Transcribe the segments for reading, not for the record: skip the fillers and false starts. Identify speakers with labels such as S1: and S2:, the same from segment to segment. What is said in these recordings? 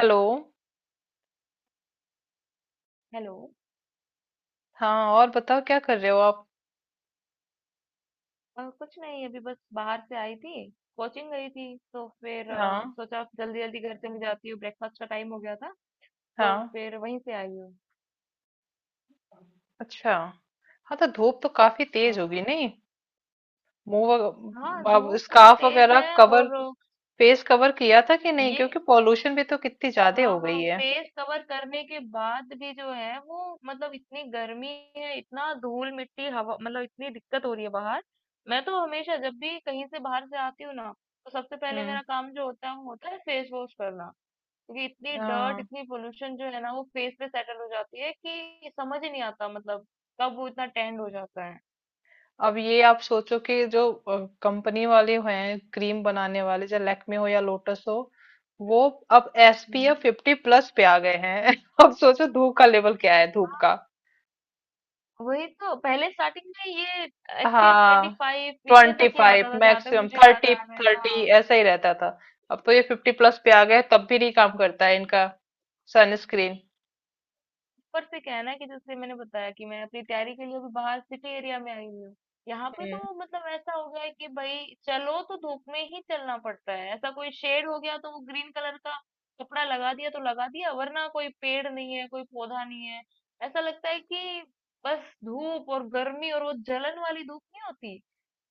S1: Hello.
S2: Hello.
S1: हाँ, और बताओ क्या कर रहे हो आप?
S2: कुछ नहीं अभी बस बाहर से आई थी। कोचिंग गई थी तो फिर
S1: हाँ।
S2: सोचा जल्दी जल्दी घर चली जाती हूँ, ब्रेकफास्ट का टाइम हो गया था। तो
S1: हाँ।
S2: फिर वहीं से आई हूँ।
S1: अच्छा। हाँ, तो धूप तो काफी
S2: हाँ,
S1: तेज होगी, नहीं?
S2: हाँ
S1: आप
S2: धूप बहुत
S1: स्कार्फ
S2: तेज
S1: वगैरह
S2: है।
S1: कवर,
S2: और
S1: फेस कवर किया था कि नहीं?
S2: ये,
S1: क्योंकि पॉल्यूशन भी तो कितनी ज्यादा
S2: हाँ
S1: हो गई
S2: हाँ,
S1: है।
S2: फेस कवर करने के बाद भी जो है वो मतलब इतनी गर्मी है, इतना धूल मिट्टी हवा, मतलब इतनी दिक्कत हो रही है बाहर। मैं तो हमेशा जब भी कहीं से बाहर से आती हूँ ना, तो सबसे पहले
S1: हम्म।
S2: मेरा काम जो होता है वो होता है फेस वॉश करना। क्योंकि इतनी डर्ट
S1: हाँ,
S2: इतनी पोल्यूशन जो है ना, वो फेस पे सेटल हो जाती है कि समझ ही नहीं आता, मतलब कब वो इतना टैंड हो जाता है।
S1: अब ये आप सोचो कि जो कंपनी वाले हैं क्रीम बनाने वाले, चाहे लैक्मे हो या लोटस हो, वो अब
S2: हम्म,
S1: SPF 50+ पे आ गए हैं। अब सोचो धूप का लेवल क्या है, धूप का।
S2: वही तो। पहले स्टार्टिंग में ये एसपीएफ ट्वेंटी
S1: हाँ,
S2: फाइव इतने
S1: ट्वेंटी
S2: तक ही
S1: फाइव
S2: आता था, जहां तक
S1: मैक्सिमम
S2: मुझे याद
S1: 30,
S2: आ रहा है।
S1: 30
S2: हाँ,
S1: ऐसा ही रहता था। अब तो ये 50+ पे आ गए, तब भी नहीं काम करता है इनका सनस्क्रीन।
S2: ऊपर से क्या है ना कि जैसे मैंने बताया कि मैं अपनी तैयारी के लिए अभी बाहर सिटी एरिया में आई हुई हूँ। यहाँ पे
S1: हम्म।
S2: तो मतलब ऐसा हो गया है कि भाई चलो तो धूप में ही चलना पड़ता है। ऐसा कोई शेड हो गया तो वो ग्रीन कलर का कपड़ा लगा दिया तो लगा दिया, वरना कोई पेड़ नहीं है, कोई पौधा नहीं है। ऐसा लगता है कि बस धूप और गर्मी, और वो जलन वाली धूप नहीं होती,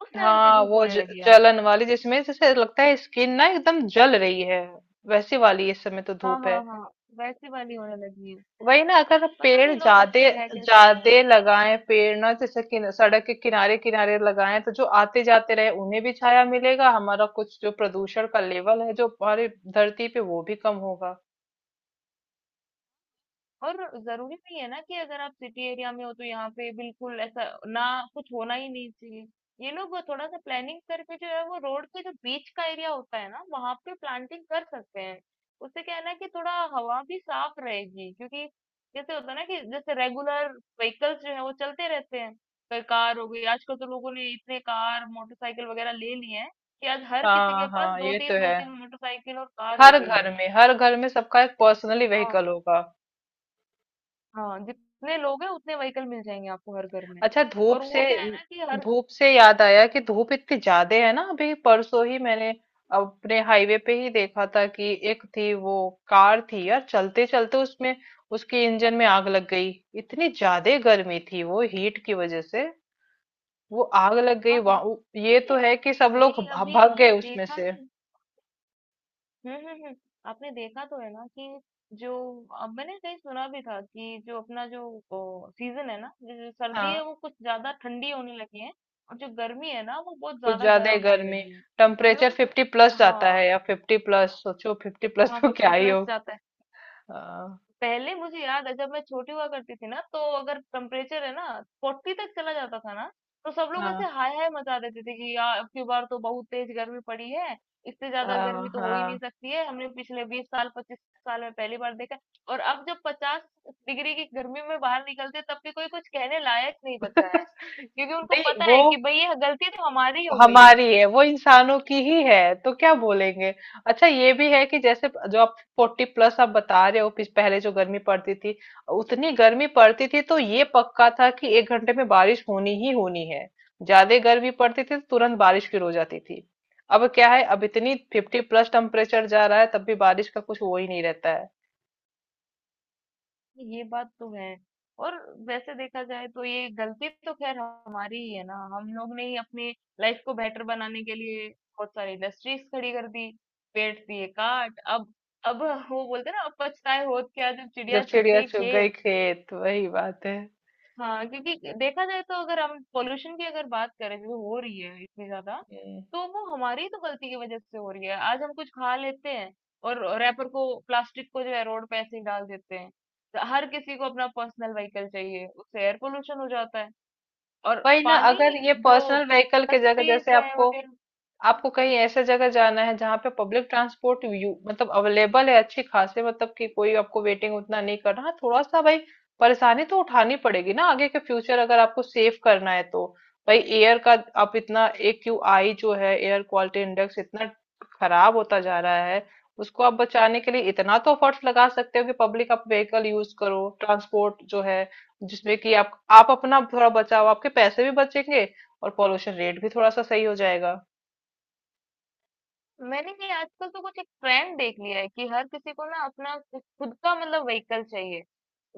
S2: उस लेवल की
S1: हाँ,
S2: धूप होने लगी है
S1: जलन
S2: आजकल।
S1: वाली जिसमें जैसे लगता है स्किन ना एकदम जल रही है, वैसी वाली इस समय तो
S2: हाँ
S1: धूप है।
S2: हाँ हाँ, वैसी वाली होने लगी है।
S1: वही ना, अगर
S2: पता नहीं
S1: पेड़
S2: लोग यहाँ पे रह
S1: ज्यादा
S2: कैसे रहे
S1: ज्यादा
S2: हैं।
S1: लगाएं पेड़ ना, जैसे सड़क के किनारे किनारे लगाएं, तो जो आते जाते रहे उन्हें भी छाया मिलेगा, हमारा कुछ जो प्रदूषण का लेवल है जो हमारी धरती पे, वो भी कम होगा।
S2: और ज़रूरी नहीं है ना कि अगर आप सिटी एरिया में हो तो यहाँ पे बिल्कुल ऐसा ना कुछ होना ही नहीं चाहिए। ये लोग वो थोड़ा सा प्लानिंग करके जो है वो रोड के जो बीच का एरिया होता है ना, वहाँ पे प्लांटिंग कर सकते हैं। उससे क्या है ना कि थोड़ा हवा भी साफ रहेगी। क्योंकि जैसे होता है ना कि जैसे रेगुलर व्हीकल्स जो है वो चलते रहते हैं। कोई कार हो गई, आजकल तो लोगों ने इतने कार, मोटरसाइकिल वगैरह ले लिए हैं कि आज हर किसी के
S1: हाँ
S2: पास
S1: हाँ, ये तो
S2: 2-3
S1: है।
S2: 2-3 मोटरसाइकिल और कार हो
S1: हर
S2: गई
S1: घर
S2: है।
S1: में, हर घर में सबका एक पर्सनली
S2: हाँ।
S1: व्हीकल होगा।
S2: हाँ, जितने लोग हैं उतने व्हीकल मिल जाएंगे आपको हर घर में।
S1: अच्छा धूप
S2: और वो
S1: से,
S2: क्या है ना कि हर,
S1: धूप से याद आया कि धूप इतनी ज्यादा है ना, अभी परसों ही मैंने अपने हाईवे पे ही देखा था कि एक थी वो, कार थी यार, चलते चलते उसमें, उसके इंजन में आग लग गई। इतनी ज्यादा गर्मी थी, वो हीट की वजह से वो आग लग गई
S2: हाँ हाँ,
S1: वहाँ। ये तो
S2: ये,
S1: है कि सब लोग
S2: भाई
S1: भ-
S2: अभी
S1: भाग गए
S2: आपने
S1: उसमें
S2: देखा
S1: से।
S2: नहीं। हम्म, आपने देखा तो है ना कि जो, अब मैंने कहीं सुना भी था कि जो अपना जो सीजन है ना, जो जो सर्दी
S1: हाँ,
S2: है वो कुछ ज्यादा ठंडी होने लगी है, और जो गर्मी है ना वो बहुत
S1: कुछ
S2: ज्यादा
S1: ज्यादा ही
S2: गर्म होने
S1: गर्मी,
S2: लगी है। हम
S1: टेम्परेचर
S2: लोग,
S1: 50+ जाता
S2: हाँ
S1: है या 50+, सोचो 50+
S2: हाँ
S1: तो
S2: फिफ्टी
S1: क्या ही
S2: प्लस
S1: हो।
S2: जाता है।
S1: हाँ
S2: पहले मुझे याद है जब मैं छोटी हुआ करती थी ना, तो अगर टेम्परेचर है ना फोर्टी तक चला जाता था ना, तो सब लोग
S1: हाँ
S2: ऐसे हाय हाय मचा देते थे कि यार अब की बार तो बहुत तेज गर्मी पड़ी है, इससे ज्यादा
S1: हाँ।
S2: गर्मी तो हो ही
S1: हाँ।
S2: नहीं सकती है, हमने पिछले बीस साल पच्चीस साल में पहली बार देखा। और अब जब पचास डिग्री की गर्मी में बाहर निकलते तब भी कोई कुछ कहने लायक नहीं बचा है,
S1: नहीं,
S2: क्योंकि उनको पता
S1: वो
S2: है कि भाई ये गलती तो हमारी हो गई है।
S1: हमारी है, वो इंसानों की ही है तो क्या बोलेंगे। अच्छा, ये भी है कि जैसे जो आप 40+ आप बता रहे हो, पहले जो गर्मी पड़ती थी, उतनी गर्मी पड़ती थी तो ये पक्का था कि एक घंटे में बारिश होनी ही होनी है। ज्यादा गर्मी पड़ती थी तो तुरंत बारिश शुरू हो जाती थी। अब क्या है, अब इतनी 50+ टेम्परेचर जा रहा है, तब भी बारिश का कुछ वो ही नहीं रहता है।
S2: ये बात तो है। और वैसे देखा जाए तो ये गलती तो खैर हमारी ही है ना, हम लोग ने ही अपनी लाइफ को बेटर बनाने के लिए बहुत सारी इंडस्ट्रीज खड़ी कर दी, पेड़ दिए काट। अब वो बोलते हैं ना, अब पछताए होत क्या जब
S1: जब
S2: चिड़िया चुग
S1: चिड़िया
S2: गई
S1: चुग गई
S2: खेत।
S1: खेत, वही बात
S2: हाँ, क्योंकि देखा जाए तो अगर हम पॉल्यूशन की अगर बात करें जो हो रही है इतनी ज्यादा,
S1: है।
S2: तो वो हमारी ही तो गलती की वजह से हो रही है। आज हम कुछ खा लेते हैं और रैपर को प्लास्टिक को जो है रोड पे ऐसे ही डाल देते हैं। तो हर किसी को अपना पर्सनल व्हीकल चाहिए, उससे एयर पोल्यूशन हो जाता है। और
S1: वही ना,
S2: पानी,
S1: अगर ये
S2: जो
S1: पर्सनल व्हीकल के जगह
S2: इंडस्ट्रीज
S1: जैसे
S2: है
S1: आपको,
S2: वगैरह।
S1: आपको कहीं ऐसे जगह जाना है जहाँ पे पब्लिक ट्रांसपोर्ट, यू मतलब अवेलेबल है अच्छी खासी, मतलब कि कोई आपको वेटिंग उतना नहीं करना, हाँ, थोड़ा सा भाई परेशानी तो उठानी पड़ेगी ना, आगे के फ्यूचर अगर आपको सेव करना है तो। भाई एयर का, आप इतना AQI जो है, एयर क्वालिटी इंडेक्स, इतना खराब होता जा रहा है, उसको आप बचाने के लिए इतना तो एफर्ट्स लगा सकते हो कि पब्लिक आप व्हीकल यूज करो, ट्रांसपोर्ट जो है जिसमें कि आप अपना थोड़ा बचाओ, आपके पैसे भी बचेंगे और पॉल्यूशन रेट भी थोड़ा सा सही हो जाएगा।
S2: मैंने ये आजकल तो कुछ एक ट्रेंड देख लिया है कि हर किसी को ना अपना कुछ खुद का मतलब व्हीकल चाहिए।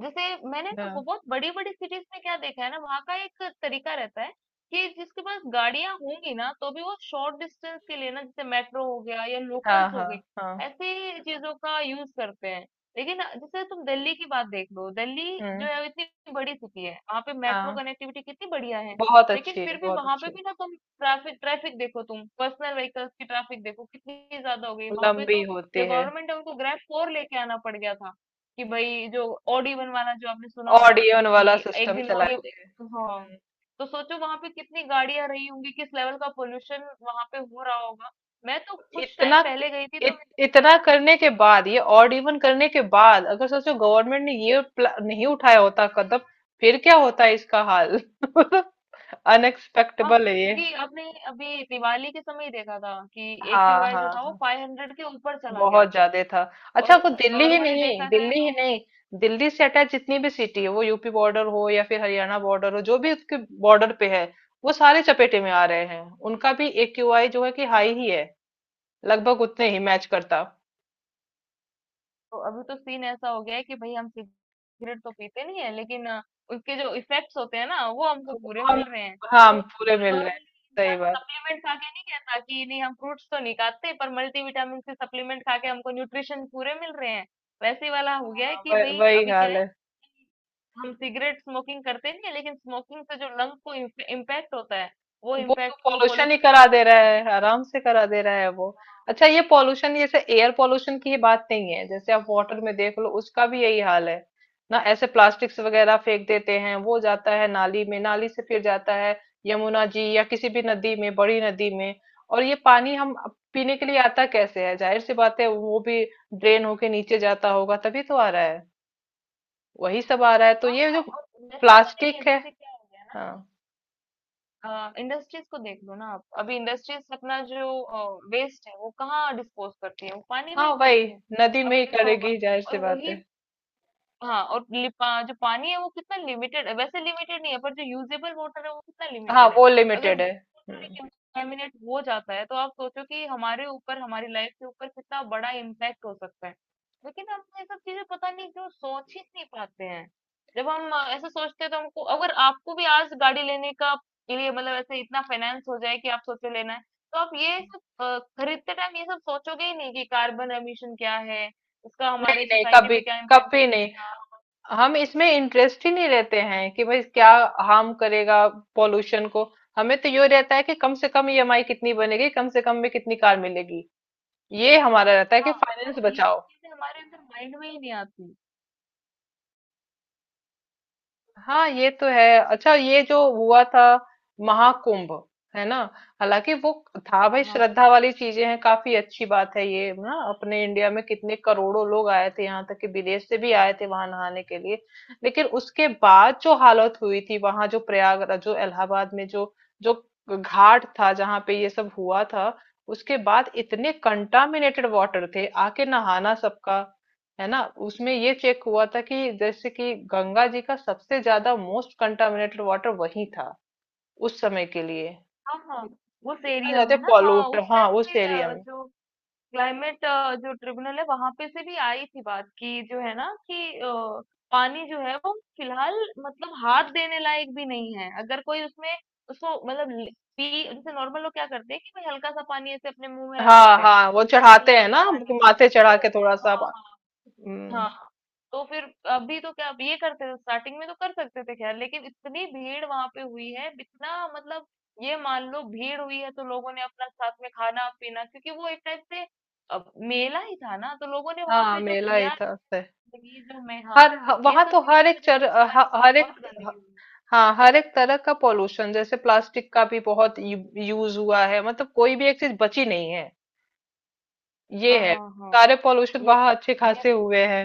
S2: जैसे मैंने ना
S1: हाँ
S2: बहुत बड़ी बड़ी सिटीज में क्या देखा है ना, वहाँ का एक तरीका रहता है कि जिसके पास गाड़ियां होंगी ना तो भी वो शॉर्ट डिस्टेंस के लिए ना, जैसे मेट्रो हो गया या
S1: हाँ
S2: लोकल्स हो
S1: हाँ
S2: गई,
S1: हाँ।
S2: ऐसी चीजों का यूज करते हैं। लेकिन जैसे तुम दिल्ली की बात देख लो, दिल्ली जो
S1: हम्म।
S2: है वो इतनी बड़ी सिटी है, वहाँ पे मेट्रो
S1: हाँ,
S2: कनेक्टिविटी कितनी बढ़िया है।
S1: बहुत
S2: लेकिन
S1: अच्छी है,
S2: फिर भी
S1: बहुत
S2: वहां पे
S1: अच्छी है।
S2: भी ना तुम ट्रैफिक ट्रैफिक देखो, तुम पर्सनल व्हीकल्स की ट्रैफिक देखो कितनी ज्यादा हो गई वहां पे,
S1: लंबी
S2: तो
S1: होती
S2: जो
S1: है।
S2: गवर्नमेंट है उनको ग्रैब फोर लेके आना पड़ गया था कि भाई जो ओडी वन वाला, जो आपने सुना होगा
S1: ऑडियन वाला
S2: कि एक
S1: सिस्टम
S2: दिन ओडी।
S1: चलाते हैं।
S2: हाँ,
S1: हम्म।
S2: तो सोचो वहां पे कितनी गाड़ियां रही होंगी, किस लेवल का पोल्यूशन वहां पे हो रहा होगा। मैं तो कुछ
S1: इतना,
S2: टाइम पहले गई थी तो मैंने देखा
S1: इतना
S2: था।
S1: करने के बाद ये ऑडियन करने के बाद अगर सोचो गवर्नमेंट ने ये नहीं उठाया होता कदम, फिर क्या होता है इसका हाल।
S2: हाँ,
S1: अनएक्सपेक्टेबल है ये।
S2: क्योंकि आपने अभी दिवाली के समय ही देखा था कि
S1: हाँ
S2: एक्यूआई जो
S1: हाँ
S2: था वो
S1: हाँ,
S2: फाइव हंड्रेड के ऊपर चला गया
S1: बहुत
S2: था।
S1: ज्यादा था। अच्छा
S2: और
S1: वो दिल्ली ही
S2: नॉर्मली
S1: नहीं,
S2: देखा जाए
S1: दिल्ली ही
S2: तो
S1: नहीं, दिल्ली से अटैच जितनी भी सिटी है वो, UP बॉर्डर हो या फिर हरियाणा बॉर्डर हो, जो भी उसके बॉर्डर पे है, वो सारे चपेटे में आ रहे हैं। उनका भी AQI जो है कि हाई ही है, लगभग उतने ही मैच करता।
S2: तो अभी तो सीन ऐसा हो गया है कि भाई हम सिगरेट तो पीते नहीं है, लेकिन उसके जो इफेक्ट्स होते हैं ना वो हमको
S1: वो,
S2: पूरे
S1: हम,
S2: मिल रहे हैं।
S1: हाँ हम
S2: वो
S1: पूरे मिल रहे हैं।
S2: नॉर्मली
S1: सही
S2: इंसान
S1: बात।
S2: सप्लीमेंट खा के नहीं कहता कि नहीं हम फ्रूट्स तो नहीं खाते पर मल्टीविटामिन से सप्लीमेंट खा के हमको न्यूट्रिशन पूरे मिल रहे हैं। वैसे वाला हो गया है
S1: हाँ,
S2: कि भाई
S1: वही
S2: अभी क्या
S1: हाल
S2: है,
S1: है।
S2: हम सिगरेट स्मोकिंग करते नहीं है लेकिन स्मोकिंग से जो लंग को इम्पैक्ट होता है, वो
S1: वो तो
S2: इम्पैक्ट तो
S1: पॉल्यूशन ही
S2: पोल्यूशन की
S1: करा
S2: वजह
S1: दे रहा है,
S2: से।
S1: आराम से करा दे रहा है वो। अच्छा, ये पॉल्यूशन जैसे एयर पॉल्यूशन की ही बात नहीं है, जैसे आप वाटर में देख लो उसका भी यही हाल है ना, ऐसे प्लास्टिक्स वगैरह फेंक देते हैं, वो जाता है नाली में, नाली से फिर जाता है यमुना जी या किसी भी नदी में, बड़ी नदी में। और ये पानी हम पीने के लिए आता कैसे है, जाहिर सी बात है वो भी ड्रेन होके नीचे जाता होगा तभी तो आ रहा है, वही सब आ रहा है, तो
S2: हाँ
S1: ये जो
S2: हाँ, और वैसा तो नहीं है,
S1: प्लास्टिक है।
S2: जैसे क्या हो गया ना,
S1: हाँ
S2: इंडस्ट्रीज को देख लो ना आप, अभी इंडस्ट्रीज अपना जो वेस्ट है वो कहाँ डिस्पोज करती है, वो पानी में
S1: हाँ,
S2: ही
S1: वही
S2: करती है।
S1: नदी में
S2: आपने
S1: ही
S2: देखा होगा।
S1: करेगी, जाहिर सी
S2: और
S1: बात
S2: वही,
S1: है।
S2: हाँ और लि- पा, जो पानी है वो कितना लिमिटेड है, वैसे लिमिटेड नहीं है पर जो यूजेबल वाटर है वो कितना
S1: हाँ,
S2: लिमिटेड है।
S1: वो
S2: अगर
S1: लिमिटेड है।
S2: वो वाटर
S1: हम्म।
S2: कंटामिनेट हो जाता है तो आप सोचो कि हमारे ऊपर, हमारी लाइफ के ऊपर कितना बड़ा इम्पैक्ट हो सकता है। लेकिन हम ये सब चीजें पता नहीं क्यों सोच ही नहीं पाते हैं। जब हम ऐसा सोचते हैं तो हमको, अगर आपको भी आज गाड़ी लेने का के लिए मतलब ऐसे इतना फाइनेंस हो जाए कि आप सोचो लेना है, तो आप ये सब खरीदते टाइम ये सब सोचोगे ही नहीं कि कार्बन एमिशन क्या है, उसका
S1: नहीं
S2: हमारे
S1: नहीं
S2: सोसाइटी
S1: कभी,
S2: पे क्या इम्पैक्ट हो
S1: कभी नहीं।
S2: जाएगा। हाँ,
S1: हम इसमें इंटरेस्ट ही नहीं लेते हैं कि भाई क्या हार्म करेगा पॉल्यूशन को, हमें तो ये रहता है कि कम से कम EMI कितनी बनेगी, कम से कम में कितनी कार मिलेगी, ये हमारा रहता है कि
S2: हाँ,
S1: फाइनेंस
S2: तो ये सब
S1: बचाओ।
S2: चीजें हमारे अंदर माइंड में ही नहीं आती।
S1: हाँ ये तो है। अच्छा, ये जो हुआ था महाकुंभ, है ना, हालांकि वो था
S2: हाँ
S1: भाई,
S2: हाँ
S1: श्रद्धा
S2: हाँ
S1: वाली चीजें हैं, काफी अच्छी बात है ये ना, अपने इंडिया में कितने करोड़ों लोग आए थे, यहाँ तक कि विदेश से भी आए थे वहां नहाने के लिए। लेकिन उसके बाद जो हालत हुई थी वहां, जो प्रयागराज, जो इलाहाबाद में, जो जो घाट था जहाँ पे ये सब हुआ था, उसके बाद इतने कंटामिनेटेड वाटर थे आके नहाना सबका, है ना, उसमें ये चेक हुआ था कि जैसे कि गंगा जी का सबसे ज्यादा मोस्ट कंटामिनेटेड वाटर वही था उस समय के लिए।
S2: हाँ, हाँ,
S1: इत-
S2: उस
S1: इतना
S2: एरिया
S1: ज्यादा
S2: में ना, हाँ
S1: पॉल्यूट,
S2: उस
S1: हाँ
S2: टाइम
S1: उस
S2: पे
S1: एरिया में।
S2: जो क्लाइमेट जो ट्रिब्यूनल है वहां पे से भी आई थी बात कि जो है ना कि पानी जो है वो फिलहाल मतलब हाथ देने लायक भी नहीं है, अगर कोई उसमें उसको मतलब ले- पी, जैसे नॉर्मल लोग क्या करते हैं कि भाई हल्का सा पानी ऐसे अपने मुंह में रख
S1: हाँ
S2: लेते हैं
S1: हाँ, वो
S2: कि
S1: चढ़ाते
S2: गंगा
S1: हैं
S2: जी का
S1: ना कि
S2: पानी।
S1: माथे
S2: तो
S1: चढ़ा के थोड़ा सा
S2: हाँ
S1: पा-।
S2: हाँ
S1: हम्म,
S2: हाँ, तो फिर अभी तो क्या, अब ये करते थे स्टार्टिंग में तो कर सकते थे खैर, लेकिन इतनी भीड़ वहां पे हुई है, इतना मतलब, ये मान लो भीड़ हुई है तो लोगों ने अपना साथ में खाना पीना, क्योंकि वो एक टाइप से अब मेला ही था ना, तो लोगों ने वहां
S1: हाँ
S2: पे जो
S1: मेला
S2: किया
S1: ही
S2: है,
S1: था उससे।
S2: गंदगी जो, मैं हाँ,
S1: हर,
S2: ये
S1: वहां
S2: सब
S1: तो
S2: चीजों
S1: हर
S2: की
S1: एक
S2: वजह से
S1: चर,
S2: वो पानी
S1: हर
S2: में
S1: एक,
S2: बहुत
S1: ह-
S2: गंदगी हुई।
S1: हाँ हर एक तरह का पॉल्यूशन जैसे प्लास्टिक का भी बहुत यूज हुआ है, मतलब कोई भी एक चीज बची नहीं है। ये
S2: हाँ
S1: है,
S2: हाँ हाँ,
S1: सारे पॉल्यूशन
S2: ये
S1: वहां अच्छे
S2: ये
S1: खासे
S2: बात है।
S1: हुए हैं।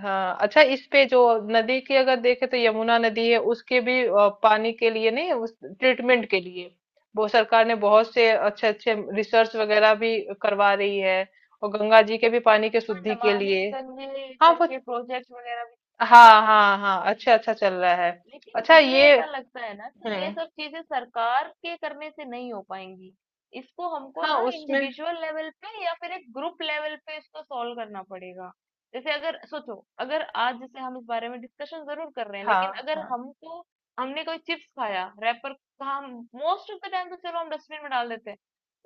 S1: हाँ। अच्छा, इस पे जो नदी की अगर देखे तो यमुना नदी है उसके भी पानी के लिए नहीं, उस ट्रीटमेंट के लिए वो सरकार ने बहुत से अच्छे अच्छे रिसर्च वगैरह भी करवा रही है, और गंगा जी के भी पानी के
S2: हाँ,
S1: शुद्धि के
S2: नमामि
S1: लिए।
S2: गंगे
S1: हाँ वो,
S2: करके प्रोजेक्ट वगैरह भी चल रहे
S1: हाँ
S2: हैं।
S1: हाँ हाँ, अच्छा अच्छा चल रहा है।
S2: लेकिन
S1: अच्छा
S2: मुझे
S1: ये,
S2: ऐसा लगता है ना कि ये
S1: हम्म,
S2: सब चीजें सरकार के करने से नहीं हो पाएंगी। इसको हमको
S1: हाँ
S2: ना
S1: उसमें,
S2: इंडिविजुअल लेवल पे या फिर एक ग्रुप लेवल पे इसको सॉल्व करना पड़ेगा। जैसे अगर सोचो, अगर आज जैसे हम इस बारे में डिस्कशन जरूर कर रहे हैं,
S1: हाँ
S2: लेकिन अगर
S1: हाँ,
S2: हमको, हमने कोई चिप्स खाया रैपर, हम मोस्ट ऑफ द टाइम तो चलो हम डस्टबिन में डाल देते हैं,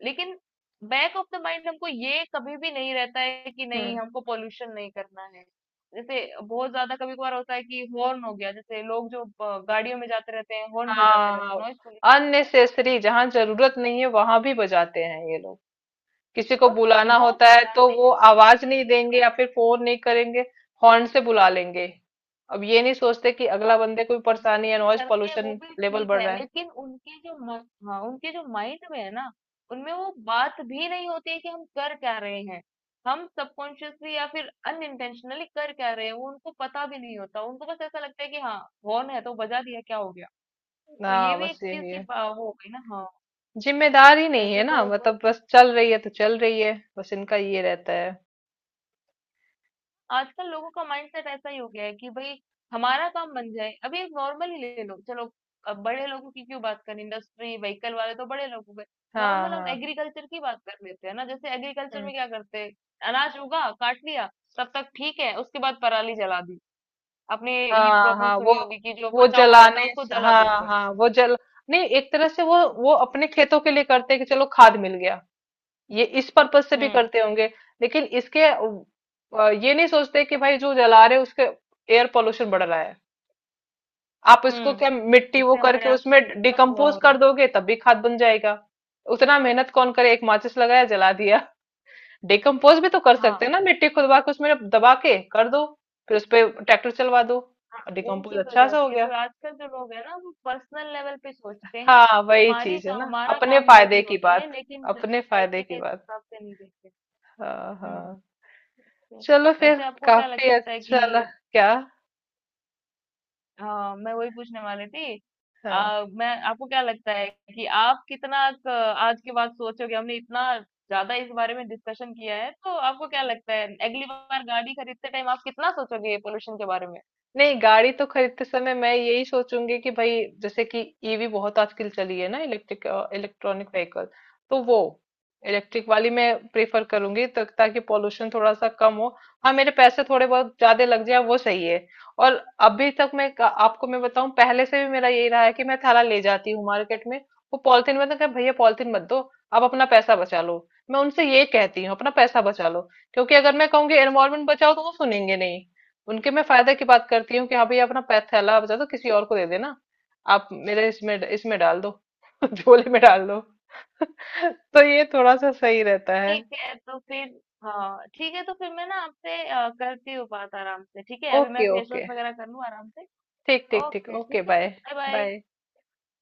S2: लेकिन बैक ऑफ द माइंड हमको ये कभी भी नहीं रहता है कि नहीं
S1: हम्म।
S2: हमको पोल्यूशन नहीं करना है। जैसे बहुत ज्यादा कभी कभार होता है कि हॉर्न हो गया, जैसे लोग जो ब- गाड़ियों में जाते रहते हैं हॉर्न बजाते रहते
S1: हाँ,
S2: हैं, नॉइस पोल्यूशन होता है।
S1: अननेसेसरी जहाँ जरूरत नहीं है वहां भी बजाते हैं ये लोग, किसी को
S2: और ये
S1: बुलाना
S2: वो
S1: होता है तो
S2: बजाते
S1: वो
S2: हैं वो
S1: आवाज
S2: ठीक
S1: नहीं
S2: है,
S1: देंगे या
S2: हाँ
S1: फिर फोन नहीं करेंगे, हॉर्न से बुला लेंगे। अब ये नहीं सोचते कि अगला
S2: हाँ,
S1: बंदे को
S2: और
S1: भी
S2: ये
S1: परेशानी है,
S2: चीज
S1: नॉइज
S2: करते हैं वो
S1: पोल्यूशन
S2: भी
S1: लेवल
S2: ठीक
S1: बढ़
S2: है,
S1: रहा है।
S2: लेकिन उनके जो मन, हाँ उनके जो माइंड में है ना, उनमें वो बात भी नहीं होती है कि हम कर क्या रहे हैं। हम सबकॉन्शियसली या फिर अनइंटेंशनली कर क्या रहे हैं, वो उनको पता भी नहीं होता, उनको बस ऐसा लगता है कि हाँ, हॉर्न है तो बजा दिया क्या हो गया।
S1: ना
S2: तो ये भी
S1: बस
S2: एक चीज
S1: यही
S2: की
S1: है,
S2: बा- वो हो गई ना। हाँ,
S1: जिम्मेदार ही नहीं है
S2: वैसे
S1: ना,
S2: तो बस
S1: मतलब बस चल रही है तो चल रही है, बस इनका ये रहता है।
S2: आजकल लोगों का माइंडसेट ऐसा ही हो गया है कि भाई हमारा काम बन जाए। अभी एक नॉर्मल ही ले लो चलो, अब बड़े लोगों की क्यों बात करें, इंडस्ट्री व्हीकल वाले तो बड़े लोग हो गए,
S1: हाँ
S2: नॉर्मल हम
S1: हाँ।
S2: एग्रीकल्चर की बात कर लेते हैं ना, जैसे एग्रीकल्चर
S1: हम्म।
S2: में क्या करते हैं, अनाज उगा काट लिया, तब तक ठीक है, उसके बाद पराली जला दी। आपने ये
S1: हाँ
S2: प्रॉब्लम
S1: हाँ, वो
S2: सुनी होगी कि जो
S1: वो
S2: बचा हुआ रहता
S1: जलाने,
S2: है उसको जला
S1: हाँ
S2: देते हैं।
S1: हाँ वो जल, नहीं एक तरह से वो अपने खेतों के लिए करते हैं कि चलो खाद मिल गया, ये इस पर्पज से भी
S2: हम्म
S1: करते होंगे। लेकिन इसके ये नहीं सोचते कि भाई जो जला रहे उसके एयर पोल्यूशन बढ़ रहा है। आप इसको
S2: हम्म,
S1: क्या मिट्टी वो
S2: उससे हमारे
S1: करके उसमें
S2: आसपास कितना धुआं
S1: डिकम्पोज
S2: हो रहा
S1: कर
S2: है।
S1: दोगे तब भी खाद बन जाएगा। उतना मेहनत कौन करे, एक माचिस लगाया जला दिया। डिकम्पोज भी तो कर
S2: हाँ,
S1: सकते हैं ना, मिट्टी खुदवा के उसमें दबा के कर दो, फिर उस पे ट्रैक्टर चलवा दो,
S2: हाँ, उन
S1: डिकम्पोज
S2: चीज़ हो
S1: अच्छा सा हो
S2: जाती है
S1: गया।
S2: तो आजकल जो लोग हैं ना वो पर्सनल लेवल पे सोचते हैं,
S1: हाँ वही
S2: हमारे
S1: चीज
S2: का
S1: है ना,
S2: हमारा
S1: अपने
S2: काम
S1: फायदे
S2: जल्दी
S1: की
S2: हो जाए,
S1: बात,
S2: लेकिन
S1: अपने फायदे
S2: सोसाइटी के
S1: की बात।
S2: हिसाब से नहीं देखते।
S1: हाँ
S2: हम्म,
S1: हाँ।
S2: तो
S1: चलो फिर।
S2: वैसे आपको क्या
S1: काफ़ी
S2: लगता है
S1: अच्छा लग,
S2: कि,
S1: क्या?
S2: हाँ मैं वही पूछने वाली थी,
S1: हाँ।
S2: आ, मैं आपको क्या लगता है कि आप कितना क- आज के बाद सोचोगे, हमने इतना ज्यादा इस बारे में डिस्कशन किया है, तो आपको क्या लगता है अगली बार गाड़ी खरीदते टाइम आप कितना सोचोगे पोल्यूशन के बारे में।
S1: नहीं, गाड़ी तो खरीदते समय मैं यही सोचूंगी कि भाई जैसे कि EV बहुत आजकल चली है ना, इलेक्ट्रिक, इलेक्ट्रॉनिक व्हीकल, तो वो इलेक्ट्रिक वाली मैं प्रेफर करूंगी, तो ताकि पोल्यूशन थोड़ा सा कम हो, हाँ मेरे पैसे थोड़े बहुत ज्यादा लग जाए वो सही है। और अभी तक मैं आपको मैं बताऊं, पहले से भी मेरा यही रहा है कि मैं थैला ले जाती हूँ मार्केट में, वो पॉलिथीन में तो कहा, भैया पॉलिथीन मत दो, आप अपना पैसा बचा लो, मैं उनसे ये कहती हूँ अपना पैसा बचा लो, क्योंकि अगर मैं कहूंगी एनवायरमेंट बचाओ तो वो सुनेंगे नहीं, उनके मैं फायदे की बात करती हूँ कि हाँ भाई अपना थैला बचा दो, किसी और को दे देना, आप मेरे इसमें इसमें डाल दो, झोले में डाल दो, तो ये थोड़ा सा सही रहता है।
S2: ठीक है तो फिर, हाँ ठीक है तो फिर मैं ना आपसे करती हूँ बात आराम से, ठीक है? अभी मैं
S1: ओके
S2: फेस
S1: ओके।
S2: वॉश वगैरह कर लूँ आराम से।
S1: ठीक ठीक ठीक।
S2: ओके
S1: ओके
S2: ठीक है।
S1: बाय।
S2: Bye bye.
S1: बाय।